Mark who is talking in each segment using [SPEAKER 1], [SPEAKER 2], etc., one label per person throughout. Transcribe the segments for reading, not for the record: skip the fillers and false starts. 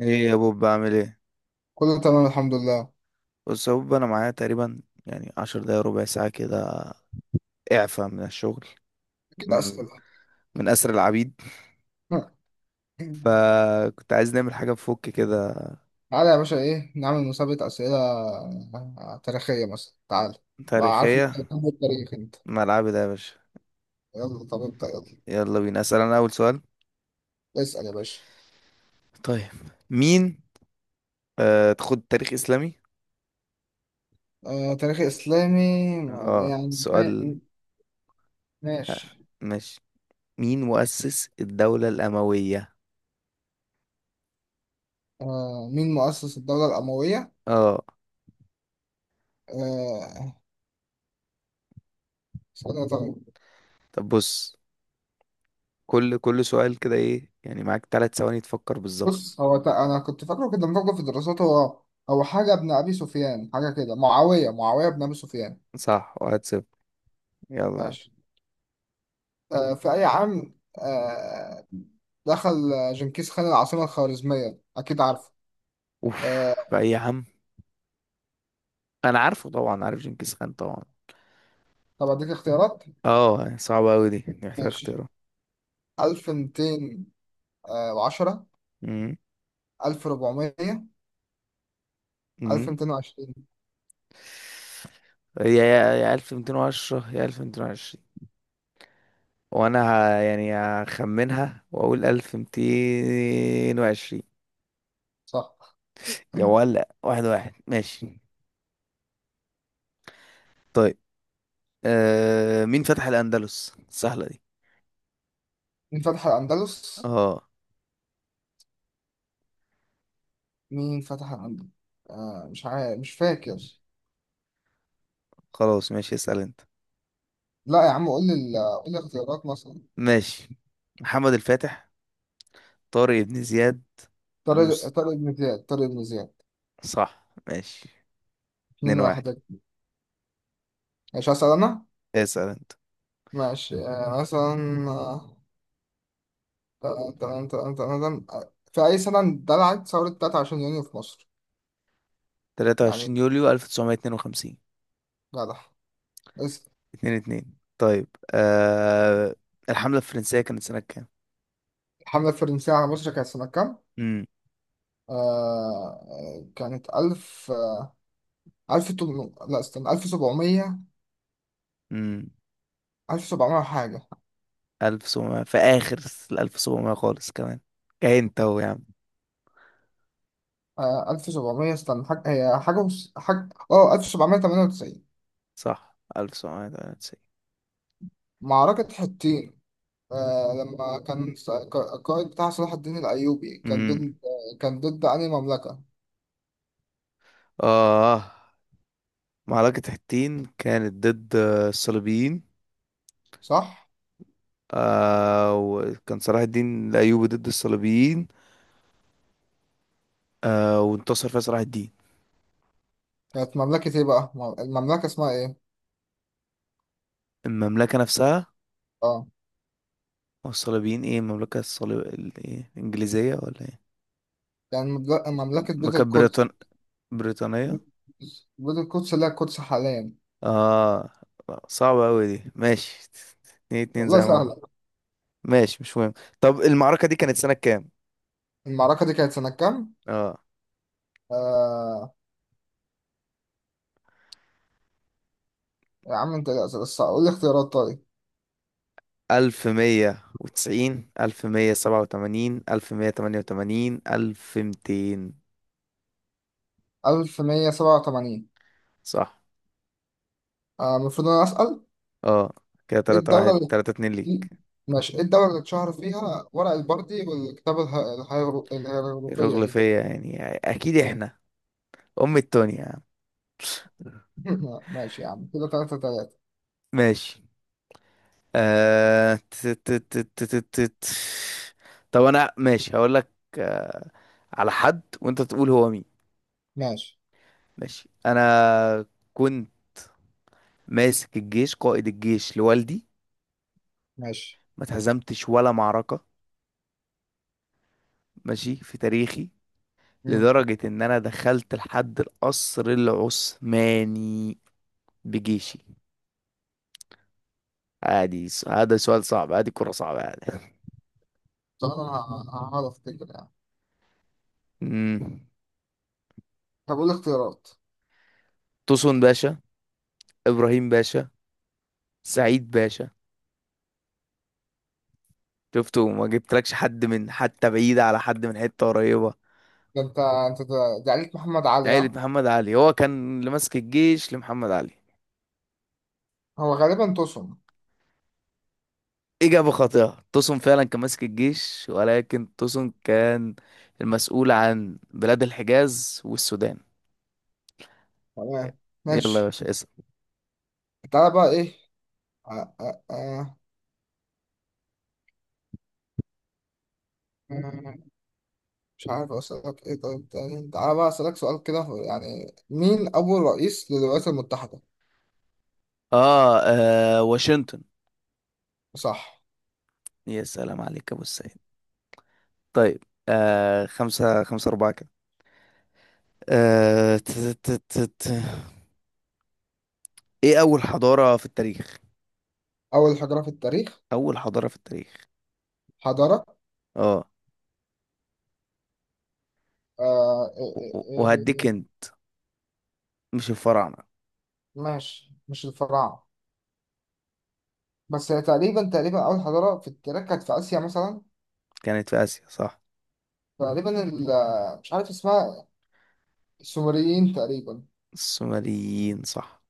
[SPEAKER 1] ايه يا بوب، بعمل ايه؟
[SPEAKER 2] كله تمام الحمد لله.
[SPEAKER 1] بص يا بوب، انا معايا تقريبا يعني عشر دقايق ربع ساعة كده اعفى من الشغل.
[SPEAKER 2] كده
[SPEAKER 1] من
[SPEAKER 2] أسئلة؟
[SPEAKER 1] من اسر العبيد. فكنت عايز نعمل حاجة بفك كده.
[SPEAKER 2] تعالى يا باشا، إيه نعمل مسابقة أسئلة تاريخية مثلا. تعالى بقى، عارف إن
[SPEAKER 1] تاريخية.
[SPEAKER 2] أنت بتحب التاريخ أنت.
[SPEAKER 1] ملعبي ده يا باشا.
[SPEAKER 2] يلا، طب أنت يلا.
[SPEAKER 1] يلا بينا، اسأل انا اول سؤال.
[SPEAKER 2] اسأل يا باشا.
[SPEAKER 1] طيب. مين... تاخد تاريخ اسلامي.
[SPEAKER 2] آه، تاريخ إسلامي.
[SPEAKER 1] اه،
[SPEAKER 2] يعني
[SPEAKER 1] سؤال. آه،
[SPEAKER 2] ماشي.
[SPEAKER 1] ماشي. مين مؤسس الدولة الأموية؟
[SPEAKER 2] آه، مين مؤسس الدولة الأموية؟
[SPEAKER 1] اه.
[SPEAKER 2] آه، اسألها طيب.
[SPEAKER 1] طب بص. كل سؤال كده ايه يعني معاك ثلاث ثواني تفكر بالظبط.
[SPEAKER 2] بص، هو أنا كنت فاكره كده، مفكر في الدراسات. هو حاجة ابن أبي سفيان، حاجة كده، معاوية ابن أبي سفيان.
[SPEAKER 1] صح، واحد صفر. يلا.
[SPEAKER 2] ماشي. في أي عام آه، دخل جنكيز خان العاصمة الخوارزمية؟ أكيد عارفه.
[SPEAKER 1] اوف.
[SPEAKER 2] آه،
[SPEAKER 1] بقى إيه يا عم؟ انا عارفه طبعا، عارف جنكيز خان طبعا.
[SPEAKER 2] طب أديك اختيارات.
[SPEAKER 1] اه، صعبة اوي دي، محتاج
[SPEAKER 2] ماشي،
[SPEAKER 1] اختيارها.
[SPEAKER 2] 1210،
[SPEAKER 1] امم
[SPEAKER 2] 1400،
[SPEAKER 1] امم
[SPEAKER 2] 1220.
[SPEAKER 1] يا 1210 يا 1220. وانا يعني هخمنها واقول 1220.
[SPEAKER 2] صح.
[SPEAKER 1] يا ولا واحد واحد، ماشي. طيب. مين فتح الاندلس؟ سهلة دي.
[SPEAKER 2] مين فتح الأندلس
[SPEAKER 1] اه.
[SPEAKER 2] مين فتح الأندلس؟ مش عارف، مش فاكر.
[SPEAKER 1] خلاص، ماشي، اسأل انت.
[SPEAKER 2] لا يا عم، قول لي اختيارات مثلا.
[SPEAKER 1] ماشي. محمد الفاتح. طارق بن زياد.
[SPEAKER 2] طارق
[SPEAKER 1] المس
[SPEAKER 2] طارق بن زياد طارق بن زياد
[SPEAKER 1] صح، ماشي.
[SPEAKER 2] اتنين
[SPEAKER 1] اتنين واحد.
[SPEAKER 2] واحد. ماشي، هسأل أنا.
[SPEAKER 1] اسأل انت.
[SPEAKER 2] ماشي. مثلا تمام تمام تمام تمام تمام. في أي سنة اندلعت ثورة 23 يونيو في مصر؟
[SPEAKER 1] تلاتة
[SPEAKER 2] يعني
[SPEAKER 1] وعشرين يوليو 1952.
[SPEAKER 2] جدع. بس.
[SPEAKER 1] اتنين اتنين، طيب. آه... الحملة الفرنسية كانت سنة كام؟
[SPEAKER 2] الحملة الفرنسية على مصر كانت سنة كام؟
[SPEAKER 1] امم
[SPEAKER 2] آه، كانت ألف، لا استنى، ألف سبعمية.
[SPEAKER 1] امم
[SPEAKER 2] ألف سبعمية حاجة.
[SPEAKER 1] ألف سبعمية في آخر. الألف سبعمية خالص كمان. كاين أهو يا عم.
[SPEAKER 2] آه، ألف سبعمية، استنى حاجة، هي حاجة حاجة، ألف سبعمية تمانية وتسعين.
[SPEAKER 1] صح، 1798.
[SPEAKER 2] معركة حطين. آه، لما كان القائد بتاع صلاح الدين الأيوبي، كان
[SPEAKER 1] امم
[SPEAKER 2] ضد. كان ضد أنهي مملكة؟
[SPEAKER 1] آه، معركة حطين كانت ضد الصليبيين.
[SPEAKER 2] صح؟
[SPEAKER 1] وكان صلاح الدين الأيوبي ضد الصليبيين. وانتصر فيها صلاح الدين.
[SPEAKER 2] كانت مملكة إيه بقى؟ المملكة اسمها إيه؟
[SPEAKER 1] المملكة نفسها.
[SPEAKER 2] آه.
[SPEAKER 1] هو الصليبيين ايه المملكة الصليب ايه الإنجليزية ولا ايه؟
[SPEAKER 2] يعني مملكة بيت
[SPEAKER 1] المملكة
[SPEAKER 2] القدس.
[SPEAKER 1] بريطانية.
[SPEAKER 2] بيت القدس، لا، القدس حاليا.
[SPEAKER 1] اه، صعبة أوي دي، ماشي. اتنين اتنين
[SPEAKER 2] والله
[SPEAKER 1] زي ما
[SPEAKER 2] سهلة.
[SPEAKER 1] احنا. ماشي، مش مهم. طب المعركة دي كانت سنة كام؟
[SPEAKER 2] المعركة دي كانت سنة كام؟
[SPEAKER 1] اه.
[SPEAKER 2] آه. يا عم انت، لا بس قول لي اختيارات طيب.
[SPEAKER 1] 1090، 1187، 1188، 1200.
[SPEAKER 2] 1187.
[SPEAKER 1] صح.
[SPEAKER 2] آه، المفروض انا اسأل.
[SPEAKER 1] اه. كده،
[SPEAKER 2] ايه
[SPEAKER 1] تلاتة
[SPEAKER 2] الدولة
[SPEAKER 1] واحد،
[SPEAKER 2] اللي.
[SPEAKER 1] تلاتة اتنين ليك.
[SPEAKER 2] ماشي، ايه الدولة اللي اتشهر فيها ورق البردي والكتابة الهيروغليفية
[SPEAKER 1] رغل
[SPEAKER 2] دي؟
[SPEAKER 1] فيا يعني أكيد احنا. أم التونيا.
[SPEAKER 2] ماشي يا عم، كده تلاتة تلاتة.
[SPEAKER 1] ماشي. آه... ت- ت- ت- ت- ت- ت- ت- طب انا، ماشي، هقول لك. آه... على حد وانت تقول هو مين.
[SPEAKER 2] ماشي.
[SPEAKER 1] ماشي انا. كنت ماسك الجيش، قائد الجيش لوالدي.
[SPEAKER 2] ماشي.
[SPEAKER 1] ما اتهزمتش ولا معركة. ماشي في تاريخي.
[SPEAKER 2] مم.
[SPEAKER 1] لدرجة ان انا دخلت لحد القصر العثماني بجيشي. عادي هذا سؤال صعب عادي، كرة صعبة عادي.
[SPEAKER 2] طب انا هقعد افتكر يعني.
[SPEAKER 1] مم.
[SPEAKER 2] طب قول لي اختيارات.
[SPEAKER 1] توسون باشا. ابراهيم باشا. سعيد باشا. شفته ما جبتلكش حد من حتى بعيد على حد من حتة قريبة.
[SPEAKER 2] ده انت، ده عليك محمد علي،
[SPEAKER 1] عيلة
[SPEAKER 2] ها.
[SPEAKER 1] محمد علي، هو كان اللي ماسك الجيش لمحمد علي.
[SPEAKER 2] هو غالبا تصم.
[SPEAKER 1] إجابة خاطئة. توسون فعلا كان ماسك الجيش، ولكن توسون كان المسؤول عن بلاد الحجاز والسودان.
[SPEAKER 2] تمام.
[SPEAKER 1] يلا يا
[SPEAKER 2] ماشي.
[SPEAKER 1] باشا، اسأل.
[SPEAKER 2] تعالى بقى ايه. آه آه آه. مش عارف اسألك ايه. طيب تاني، تعالى بقى اسألك سؤال كده، يعني مين أول رئيس للولايات المتحدة؟
[SPEAKER 1] واشنطن.
[SPEAKER 2] صح.
[SPEAKER 1] يا سلام عليك يا أبو السيد. طيب. خمسة خمسة أربعة كده. آه ت- ت- ت- ت- إيه أول حضارة في التاريخ؟
[SPEAKER 2] أول حجرة في التاريخ؟
[SPEAKER 1] أول حضارة في التاريخ.
[SPEAKER 2] حضارة.
[SPEAKER 1] آه.
[SPEAKER 2] إيه إيه إيه.
[SPEAKER 1] وهديك
[SPEAKER 2] إيه.
[SPEAKER 1] هنت. مش الفراعنة.
[SPEAKER 2] ماشي، مش الفراعنة. بس هي تقريبا تقريبا أول حضارة في التاريخ كانت في آسيا مثلا.
[SPEAKER 1] كانت في آسيا صح.
[SPEAKER 2] تقريبا مش عارف اسمها. السومريين تقريبا.
[SPEAKER 1] السومريين صح.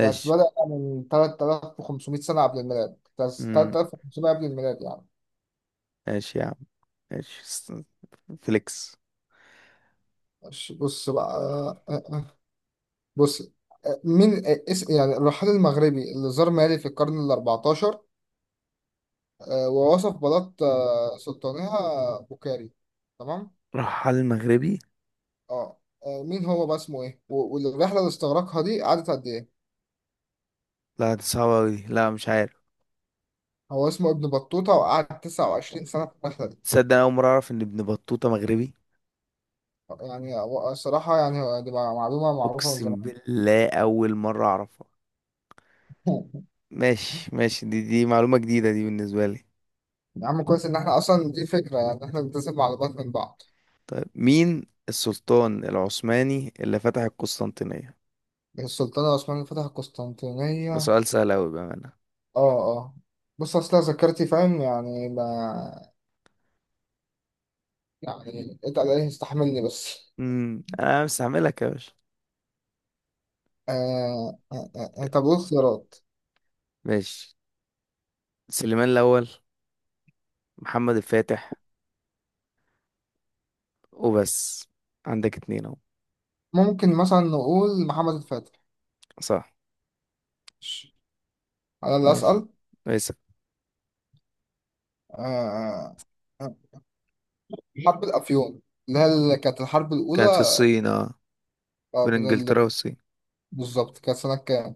[SPEAKER 2] كانت بدأ من 3500 سنة قبل الميلاد، بس
[SPEAKER 1] مم.
[SPEAKER 2] 3500 قبل الميلاد يعني.
[SPEAKER 1] ماشي يا عم. ماشي فليكس.
[SPEAKER 2] ماشي، بص بقى. بص، مين آه، اس يعني الرحال المغربي اللي زار مالي في القرن ال 14، ووصف بلاط سلطانها بوكاري. تمام.
[SPEAKER 1] راح على المغربي.
[SPEAKER 2] اه. مين هو بقى؟ اسمه ايه والرحلة اللي استغرقها دي قعدت قد ايه؟
[SPEAKER 1] لا، دي صعبة أوي دي. لا، مش عارف.
[SPEAKER 2] هو اسمه ابن بطوطة، وقعد 29 سنة في الرحلة.
[SPEAKER 1] تصدق أنا أول مرة أعرف إن ابن بطوطة مغربي.
[SPEAKER 2] يعني الصراحة يعني، هو دي معلومة معروفة من
[SPEAKER 1] أقسم
[SPEAKER 2] زمان.
[SPEAKER 1] بالله أول مرة أعرفها. ماشي، ماشي، دي معلومة جديدة دي بالنسبة لي.
[SPEAKER 2] يا عم كويس ان احنا اصلا دي فكره، يعني احنا بنتسب على بعض من بعض.
[SPEAKER 1] طيب، مين السلطان العثماني اللي فتح القسطنطينية؟
[SPEAKER 2] السلطان العثماني فتح القسطنطينيه.
[SPEAKER 1] ده
[SPEAKER 2] اه.
[SPEAKER 1] سؤال سهل أوي بأمانة.
[SPEAKER 2] اه. بص، اصل ذاكرتي فاهم يعني، ما. يعني اتقل عليه، استحملني بس.
[SPEAKER 1] أنا مستعملك يا باشا.
[SPEAKER 2] طب ايه الخيارات؟
[SPEAKER 1] ماشي. سليمان الأول. محمد الفاتح. وبس. عندك اتنين اهو.
[SPEAKER 2] ممكن مثلا نقول محمد الفاتح.
[SPEAKER 1] صح.
[SPEAKER 2] على اللي
[SPEAKER 1] ماشي.
[SPEAKER 2] اسال.
[SPEAKER 1] كويس.
[SPEAKER 2] آه آه. آه. حرب الافيون، اللي هي كانت الحرب
[SPEAKER 1] كانت في
[SPEAKER 2] الاولى.
[SPEAKER 1] الصين، اه. بين
[SPEAKER 2] بين
[SPEAKER 1] انجلترا والصين.
[SPEAKER 2] بالظبط، كانت سنه كام؟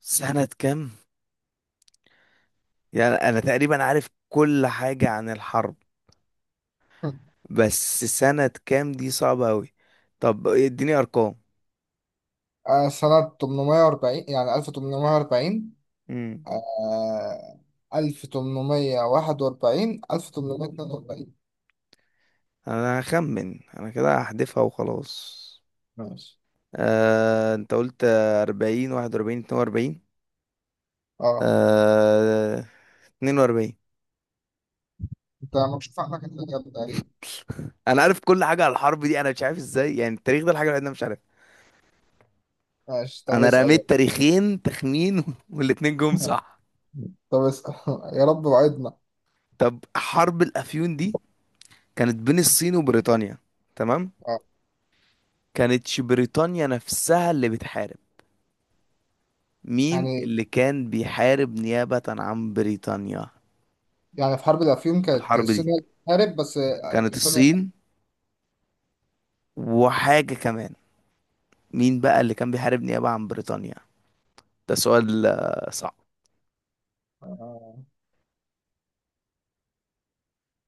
[SPEAKER 1] سنة كام؟ يعني أنا تقريبا عارف كل حاجة عن الحرب. بس سنة كام دي صعبة أوي. طب اديني أرقام.
[SPEAKER 2] سنه 840، يعني 1840.
[SPEAKER 1] امم
[SPEAKER 2] آه 1841، 1842.
[SPEAKER 1] أنا هخمن أنا كده هحذفها وخلاص.
[SPEAKER 2] ماشي.
[SPEAKER 1] أنت قلت أربعين، واحد وأربعين، اتنين وأربعين.
[SPEAKER 2] اه.
[SPEAKER 1] آه، اتنين وأربعين.
[SPEAKER 2] انت مكشوف عنك انت، الإجابة تقريبا.
[SPEAKER 1] انا عارف كل حاجه على الحرب دي. انا مش عارف ازاي، يعني التاريخ ده الحاجه الوحيده اللي انا مش عارفها.
[SPEAKER 2] ماشي، طب
[SPEAKER 1] انا
[SPEAKER 2] اسأل يلا.
[SPEAKER 1] رميت تاريخين تخمين والاتنين جم صح.
[SPEAKER 2] طب اسأل. يا رب وعدنا.
[SPEAKER 1] طب حرب الافيون دي كانت بين الصين وبريطانيا. تمام.
[SPEAKER 2] اه.
[SPEAKER 1] كانتش بريطانيا نفسها اللي بتحارب. مين
[SPEAKER 2] يعني
[SPEAKER 1] اللي كان بيحارب نيابة عن بريطانيا؟
[SPEAKER 2] يعني في حرب الأفيون كانت
[SPEAKER 1] الحرب
[SPEAKER 2] الصين
[SPEAKER 1] دي
[SPEAKER 2] هي اللي بتحارب بس،
[SPEAKER 1] كانت
[SPEAKER 2] بريطانيا.
[SPEAKER 1] الصين وحاجة كمان. مين بقى اللي كان بيحارب نيابة عن بريطانيا؟ ده سؤال صعب.
[SPEAKER 2] آه.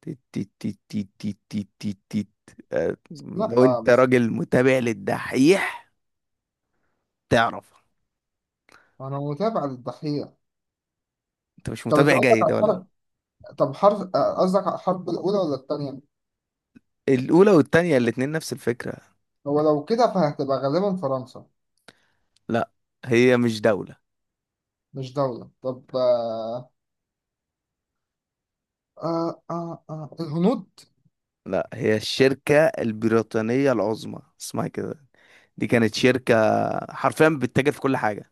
[SPEAKER 1] تيت تيت تيت تيت تيت تيت تيت تيت. آه،
[SPEAKER 2] لا،
[SPEAKER 1] لو انت
[SPEAKER 2] بس.
[SPEAKER 1] راجل متابع للدحيح تعرف.
[SPEAKER 2] أنا متابع للضحية.
[SPEAKER 1] انت مش
[SPEAKER 2] طب أنت
[SPEAKER 1] متابع
[SPEAKER 2] قصدك على
[SPEAKER 1] جيد ولا؟
[SPEAKER 2] الحرب؟ طب حرب، قصدك على الحرب الأولى ولا التانية؟
[SPEAKER 1] الاولى والتانية الاتنين نفس الفكرة.
[SPEAKER 2] هو لو كده فهتبقى غالبا فرنسا.
[SPEAKER 1] لا، هي مش دولة.
[SPEAKER 2] مش دولة، طب آه. الهنود.
[SPEAKER 1] لا، هي الشركة البريطانية العظمى، اسمها كده. دي كانت شركة، حرفيا بتتاجر في كل حاجة.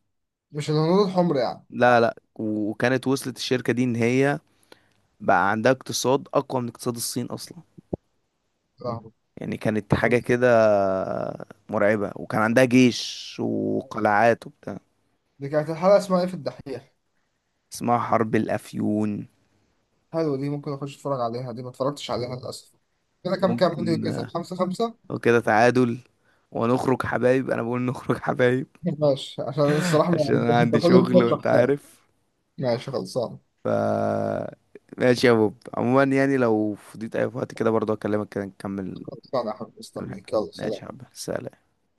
[SPEAKER 2] مش الهنود الحمر يعني. مم.
[SPEAKER 1] لا، لا، وكانت وصلت الشركة دي ان هي بقى عندها اقتصاد اقوى من اقتصاد الصين اصلا.
[SPEAKER 2] فاهم.
[SPEAKER 1] يعني كانت حاجة
[SPEAKER 2] طب
[SPEAKER 1] كده مرعبة، وكان عندها جيش وقلعات وبتاع.
[SPEAKER 2] دي كانت الحلقة اسمها ايه في الدحيح؟
[SPEAKER 1] اسمها حرب الافيون.
[SPEAKER 2] حلو، دي ممكن اخش اتفرج عليها، دي ما اتفرجتش عليها للاسف. كده كام كام دي؟
[SPEAKER 1] ممكن،
[SPEAKER 2] كسب خمسة خمسة.
[SPEAKER 1] لو كده تعادل ونخرج حبايب. انا بقول نخرج حبايب.
[SPEAKER 2] ماشي عشان الصراحة
[SPEAKER 1] عشان
[SPEAKER 2] ما.
[SPEAKER 1] انا
[SPEAKER 2] انت
[SPEAKER 1] عندي
[SPEAKER 2] كل
[SPEAKER 1] شغل
[SPEAKER 2] ده
[SPEAKER 1] وانت
[SPEAKER 2] شخصانة.
[SPEAKER 1] عارف.
[SPEAKER 2] ماشي، خلصانة.
[SPEAKER 1] ف ماشي يا بوب، عموما يعني لو فضيت اي وقت كده برضه اكلمك كده نكمل.
[SPEAKER 2] خلصانة يا حبيبي،
[SPEAKER 1] نكمل حاجة،
[SPEAKER 2] استنيك، يلا
[SPEAKER 1] ماشي يا
[SPEAKER 2] سلام.
[SPEAKER 1] حبيبي، سلام.